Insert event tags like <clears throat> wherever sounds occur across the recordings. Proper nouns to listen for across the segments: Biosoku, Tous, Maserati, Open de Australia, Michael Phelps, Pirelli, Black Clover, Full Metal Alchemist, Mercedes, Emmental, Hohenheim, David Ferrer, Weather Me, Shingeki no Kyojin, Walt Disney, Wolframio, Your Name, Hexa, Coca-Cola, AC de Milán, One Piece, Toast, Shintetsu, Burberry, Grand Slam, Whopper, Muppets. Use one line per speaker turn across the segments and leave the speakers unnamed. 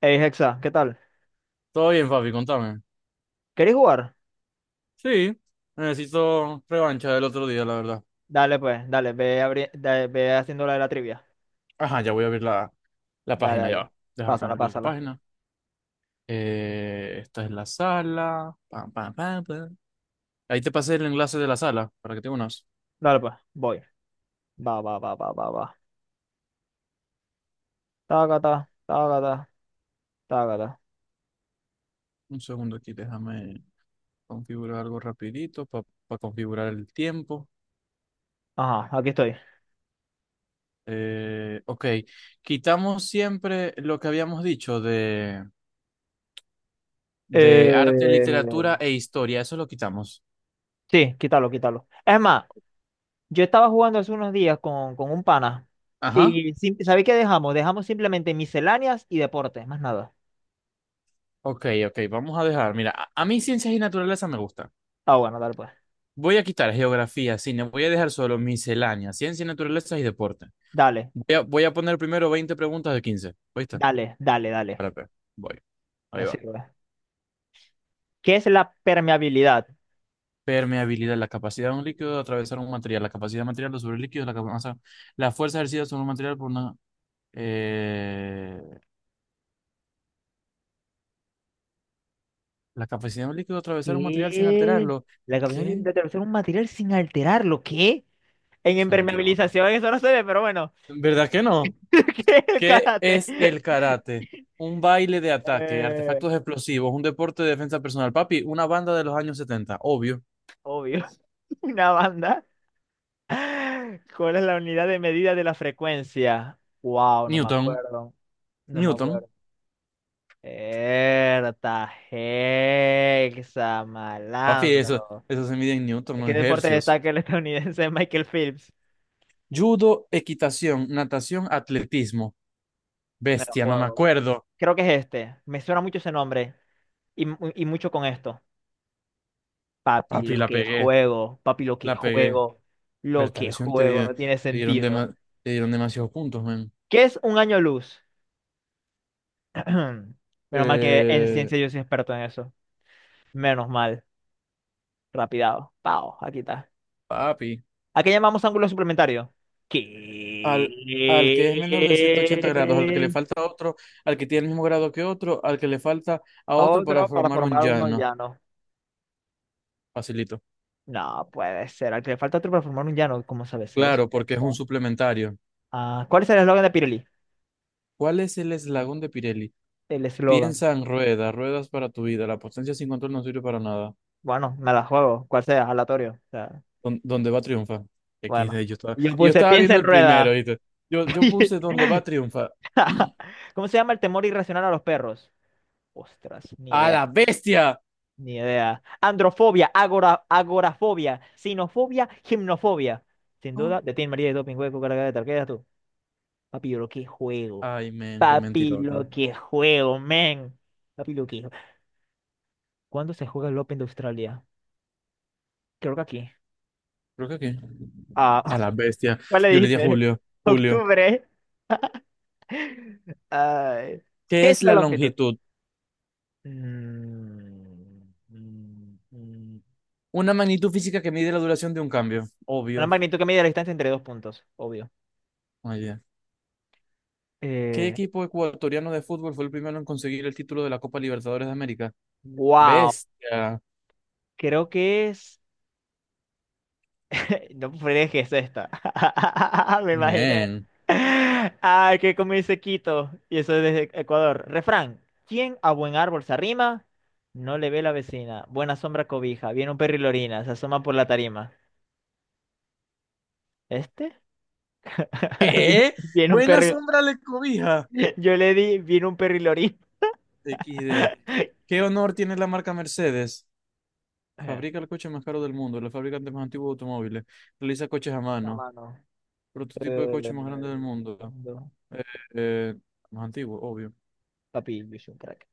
Hey, Hexa, ¿qué tal?
Todo bien, papi, contame.
¿Queréis jugar?
Sí, necesito revancha del otro día, la verdad.
Dale, pues, dale, ve, ve haciendo la de la trivia.
Ajá, ya voy a abrir la
Dale,
página, ya.
dale.
Va. Déjame
Pásala,
abrir la
pásala.
página. Esta es la sala. Pam, pam, pam, pam. Ahí te pasé el enlace de la sala para que te unas.
Dale, pues, voy. Va, va, va, va, va, va. Tácata, tácata, tácata.
Un segundo aquí, déjame configurar algo rapidito para configurar el tiempo.
Ajá, aquí estoy.
Ok, quitamos siempre lo que habíamos dicho de arte,
Eh...
literatura e historia. Eso lo quitamos.
Sí, quítalo, quítalo. Es más, yo estaba jugando hace unos días con un pana.
Ajá.
Y ¿sabéis qué dejamos? Dejamos simplemente misceláneas y deportes, más nada.
Ok, ok, vamos a dejar. Mira, a mí ciencias y naturaleza me gusta.
Ah, bueno, dale, pues.
Voy a quitar geografía, cine, voy a dejar solo miscelánea, ciencias y naturaleza y deporte.
Dale,
Voy a poner primero 20 preguntas de 15. ¿Viste?
dale, dale, dale.
Espérate, voy. Ahí
Me
va.
sirve. ¿Qué es la permeabilidad?
Permeabilidad, la capacidad de un líquido de atravesar un material, la capacidad material sobre el líquido, o sea, la fuerza ejercida sobre un material por una, eh, la capacidad de un líquido de atravesar un material sin
¿Qué?
alterarlo.
La capacidad
¿Qué?
de atravesar un material sin alterarlo. ¿Qué? En
Qué mentira, papá.
impermeabilización eso no se ve, pero bueno.
¿Verdad que no?
<laughs> ¿Qué? El
¿Qué
Karate.
es el karate? Un baile de ataque,
Eh,
artefactos explosivos, un deporte de defensa personal. Papi, una banda de los años 70, obvio.
obvio. <laughs> Una banda. ¿Cuál es la unidad de medida de la frecuencia? Wow, no me
Newton,
acuerdo. No me
Newton.
acuerdo. Erta, hexa,
Papi, eso,
malandro.
eso se mide en Newton,
¿En
no
qué
en
deporte
hercios.
destaca el estadounidense <laughs> Michael Phelps?
Judo, equitación, natación, atletismo.
Me lo
Bestia, no me
juego.
acuerdo.
Creo que es este. Me suena mucho ese nombre. Y, y mucho con esto. Papi,
Papi,
lo
la
que
pegué,
juego, papi,
la pegué.
lo
Berta,
que
lesión
juego,
te,
no tiene
te dieron,
sentido.
dema- te dieron demasiados puntos, man.
¿Qué es un año luz? <clears throat> Menos mal que en
Eh,
ciencia yo soy experto en eso. Menos mal. Rapidado. Pau, aquí está.
papi.
¿A qué llamamos ángulo suplementario? ¿Qué?
al, al que es menor de 180 grados, al que le falta otro, al que tiene el mismo grado que otro, al que le falta a otro para
Otro para
formar un
formar uno
llano.
llano.
Facilito.
No puede ser. Al que le falta otro para formar un llano, ¿cómo sabes eso?
Claro, porque es un
Exacto.
suplementario.
Ah, ¿cuál es el eslogan de Pirelli?
¿Cuál es el eslabón de Pirelli?
El eslogan.
Piensa en ruedas, ruedas para tu vida. La potencia sin control no sirve para nada.
Bueno, me la juego, cual sea, aleatorio. O sea,
¿Donde va triunfa?
bueno.
XD, yo estaba,
Yo
yo
puse
estaba
piensa
viendo
en
el primero,
rueda.
¿viste?
<laughs>
Yo puse donde va triunfa. <clears throat>
¿Cómo se llama el temor irracional a los perros? Ostras, ni
¡A
idea,
la bestia!
ni idea. Androfobia, agora, agorafobia, sinofobia, gimnofobia. Sin
Oh.
duda, de Tim María y Doping Hueco, carga de tal. ¿Qué eras tú? Papi, lo que juego.
Ay, men, qué
Papi,
mentirota.
lo que juego, men. Papi, lo que juego. ¿Cuándo se juega el Open de Australia? Creo que aquí.
Creo que aquí.
Ah,
A la
<laughs>
bestia.
¿cuál le
Yo le di a
dijiste?
Julio.
<laughs>
Julio.
Octubre. <laughs> Ay,
¿Qué
¿qué es
es
la
la
longitud?
longitud?
Mm, mm, mm.
Una magnitud física que mide la duración de un cambio.
Una
Obvio.
magnitud que mide la distancia entre dos puntos, obvio.
Muy. ¿Qué
Eh,
equipo ecuatoriano de fútbol fue el primero en conseguir el título de la Copa Libertadores de América?
wow,
Bestia.
creo que es... <laughs> No fregues, es esta. <laughs> Me imaginé.
Men.
Ah, que como dice Quito, y eso es desde Ecuador. Refrán, ¿quién a buen árbol se arrima? No le ve la vecina. Buena sombra cobija. Viene un perro y lo orina. Se asoma por la tarima. ¿Este?
¿Qué?
Viene un
Buena
perro y-
sombra le cobija.
<laughs> Yo le di, viene un perro y lo orina.
XD. ¿Qué
<laughs>
honor tiene la marca Mercedes?
Ajá,
Fabrica el coche más caro del mundo, el fabricante más antiguo de automóviles, realiza coches a
la
mano,
mano.
prototipo de
Eh,
coche más grande del mundo.
fondo.
Eh, eh, más antiguo, obvio.
Papi, yo soy un crack.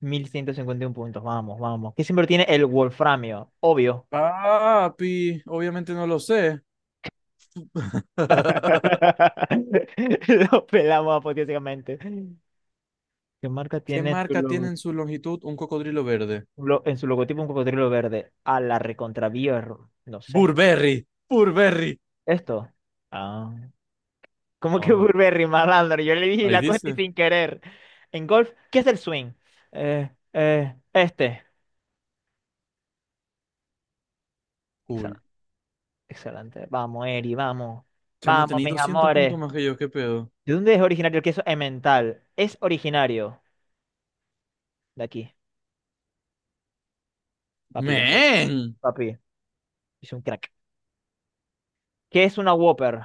Mil ciento cincuenta y uno puntos, vamos, vamos. Que siempre tiene el Wolframio, obvio.
Papi, obviamente no lo sé. <laughs>
<laughs> Lo pelamos apoteósicamente. ¿Qué marca
¿Qué
tiene en su,
marca tiene
logo-
en su longitud un cocodrilo verde?
lo- en su logotipo un cocodrilo verde? A la recontra no sé.
Burberry, Burberry.
¿Esto? Ah. ¿Cómo que
Ah,
Burberry, malandro? Yo le dije
ahí
la cosa y
dice.
sin querer. En golf, ¿qué es el swing? Este.
Cool.
Excelente. Vamos, Eri, vamos.
Chamo,
Vamos,
tenéis
mis
200 puntos
amores.
más que yo, ¿qué pedo?
¿De dónde es originario el queso Emmental? Es originario de aquí. Papi, la pego.
¡Men!
Papi, es un crack. ¿Qué es una Whopper?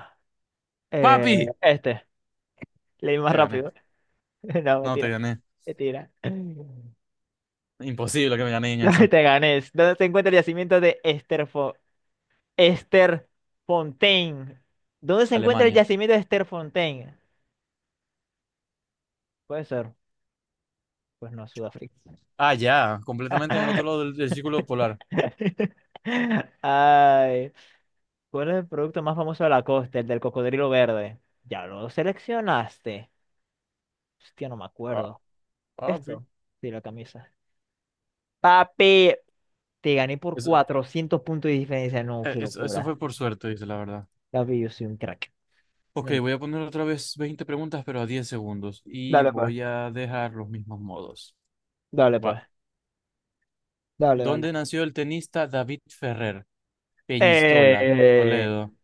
Eh,
¡Papi!
este. Leí más
Te gané.
rápido. <laughs> No,
No, te
mentira.
gané.
Mentira. <laughs>
Imposible que me gané en
¿Dónde
eso.
te ganes? Esther ¿Dónde se encuentra el
Alemania.
yacimiento de Esther? Puede ser. Pues no, Sudáfrica.
Ah, ya, completamente en el otro lado del círculo polar.
<laughs> Ay. ¿Cuál es el producto más famoso de la costa? El del cocodrilo verde. Ya lo seleccionaste. Hostia, no me
Ah,
acuerdo.
papi.
¿Esto? Sí, la camisa. Papi, te gané por
Eso,
400 puntos de diferencia. No,
eh,
qué
eso, eso
locura.
fue por suerte, dice la verdad.
Papi, yo soy un crack.
Ok,
Men-
voy a poner otra vez 20 preguntas, pero a 10 segundos. Y
Dale, pues.
voy a dejar los mismos modos.
Dale,
Va.
pues. Dale, dale.
¿Dónde nació el tenista David Ferrer? Peñistola,
Eh,
Toledo.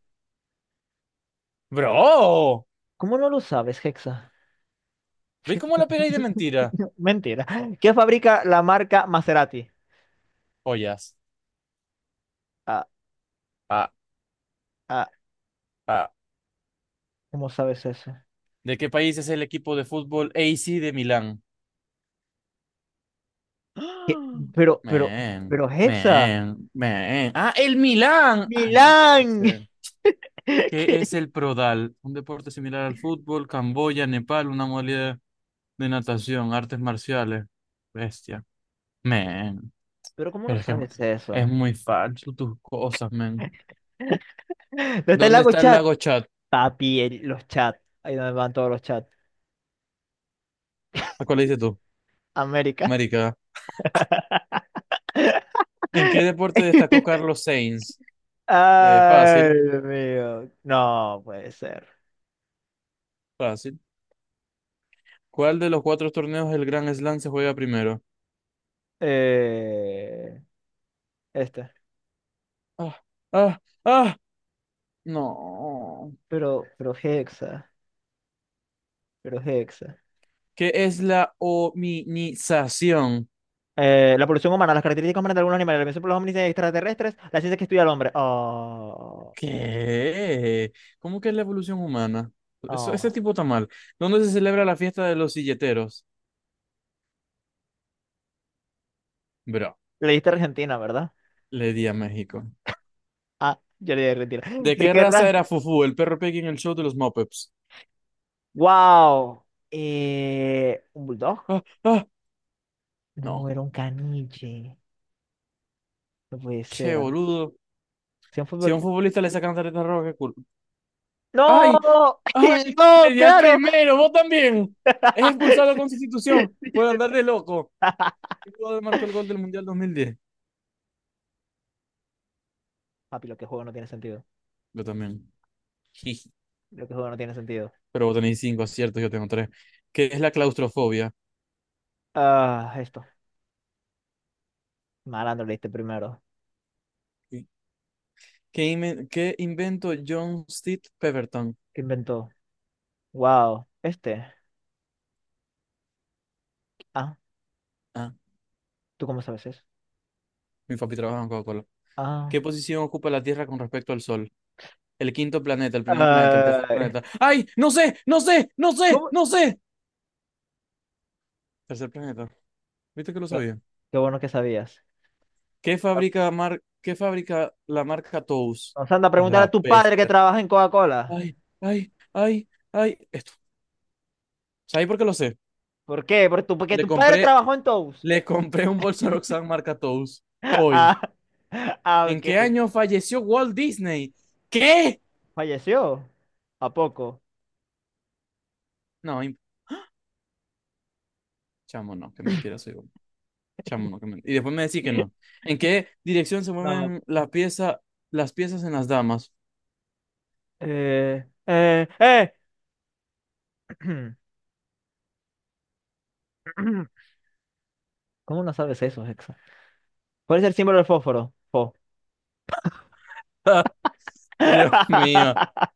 ¡Bro!
¿Cómo no lo sabes, Hexa?
¿Veis cómo la pegáis de mentira?
<laughs> Mentira. ¿Qué fabrica la marca Maserati?
Ollas.
Ah,
Ah,
ah,
ah.
¿cómo sabes eso?
¿De qué país es el equipo de fútbol AC de Milán?
¿Qué?
<gasps>
Pero, pero,
Men,
pero Hexa.
men, men. Ah, el Milán. Ay, no puede
Milán.
ser.
<laughs> ¿Qué?
¿Qué es el Prodal? Un deporte similar al fútbol, Camboya, Nepal, una modalidad de natación, artes marciales. Bestia. Men,
Pero ¿cómo no
pero es que
sabes
es
eso?
muy falso tus cosas, men.
¿Dónde está el
¿Dónde
lago
está el
chat?
lago Chad?
Los chats. Ahí donde van todos los chats.
¿A cuál le dices tú?
América.
América. ¿En qué deporte
<laughs>
destacó Carlos Sainz? Eh,
Ay,
fácil,
Dios mío. No puede ser.
fácil. ¿Cuál de los cuatro torneos del Grand Slam se juega primero?
Eh, esta.
Ah, ah, ah, no.
Pero Hexa. Pero Hexa.
¿Qué es la hominización?
La evolución humana, las características humanas de algunos animales, la evolución por los hombres extraterrestres, la ciencia que estudia al hombre. Oh,
¿Qué? ¿Cómo que es la evolución humana? Eso, ese
oh.
tipo está mal. ¿Dónde se celebra la fiesta de los silleteros? Bro,
Le diste a Argentina, ¿verdad?
le di a México.
Ah, yo le di a Argentina. <gasps> <laughs>
¿De
¿De
qué
qué
raza
raza?
era Fufu, el perro Piggy en el show de los Muppets?
¡Wow! ¿Un bulldog?
Ah, ah,
No,
no.
era un caniche. No puede
Che,
ser.
boludo.
¿Si un
Si a un
fútbol?
futbolista le sacan tarjeta roja, qué culpa. ¡Ay!
¡No! <laughs>
¡Ay! Le
¡No,
di al
claro!
primero, vos también. Es
<laughs>
expulsado
Sí.
con sustitución por andar de loco.
<laughs>
El jugador marcó el gol del Mundial 2010.
Papi, lo que juego no tiene sentido.
Yo también. Jiji.
Lo que juego no tiene sentido.
Pero vos tenéis cinco aciertos, yo tengo tres. ¿Qué es la claustrofobia?
Ah, esto. Malandro leíste primero.
¿Qué inventó John Steve Pemberton?
¿Qué inventó? Wow. Este. Ah,
Ah,
¿tú cómo sabes eso?
mi papi trabaja en Coca-Cola.
Ah.
¿Qué posición ocupa la Tierra con respecto al Sol? El quinto planeta, el primer planeta, el tercer
Ay,
planeta. ¡Ay! ¡No sé! ¡No sé! ¡No sé!
¿cómo?
¡No sé! Tercer planeta. ¿Viste que lo
Qué
sabía?
qué bueno que sabías.
¿Qué fabrica la marca Tous?
Vamos anda a
A
preguntar a
la
tu padre que
bestia.
trabaja en Coca-Cola.
¡Ay! ¡Ay! ¡Ay! ¡Ay! Esto. ¿Sabéis por qué lo sé?
¿Por qué? Porque
Le
tu padre
compré,
trabajó en Toast.
le compré un bolso a Roxanne marca Tous
<laughs>
hoy.
Ah, ah,
¿En
ok.
qué año falleció Walt Disney? ¿Qué?
¿Falleció? ¿A poco?
No, chamo, no, qué mentira soy. Chamo, no. Y después me decís que no.
<laughs>
¿En qué dirección se
No.
mueven la pieza, las piezas en las damas?
Eh, eh, eh. <clears throat> ¿Cómo no sabes eso, Hexa? ¿Cuál es el símbolo del fósforo? Fo.
<laughs> Dios mío.
<laughs>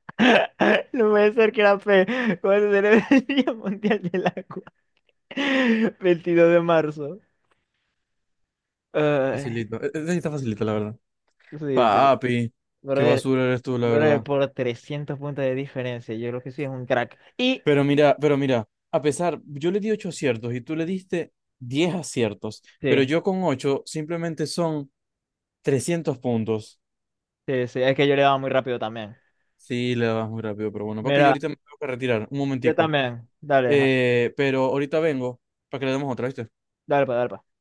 No puede ser que era fe. ¿Cuál será el Día Mundial del Agua? <laughs> 22 de marzo. Ay,
Facilito. Está facilito, la verdad.
sí, sí.
Papi, qué
Brother,
basura eres tú, la
brother,
verdad.
por 300 puntos de diferencia. Yo creo que sí es un crack. Y
Pero mira, a pesar, yo le di ocho aciertos y tú le diste 10 aciertos, pero
sí,
yo con ocho simplemente son 300 puntos.
sí, es que yo le daba muy rápido también.
Sí, le vas muy rápido, pero bueno, papi, yo
Mira,
ahorita me tengo que retirar, un
yo
momentico.
también. Dale, ja-
Pero ahorita vengo para que le demos otra, ¿viste?
dale, pa, dale. Pa.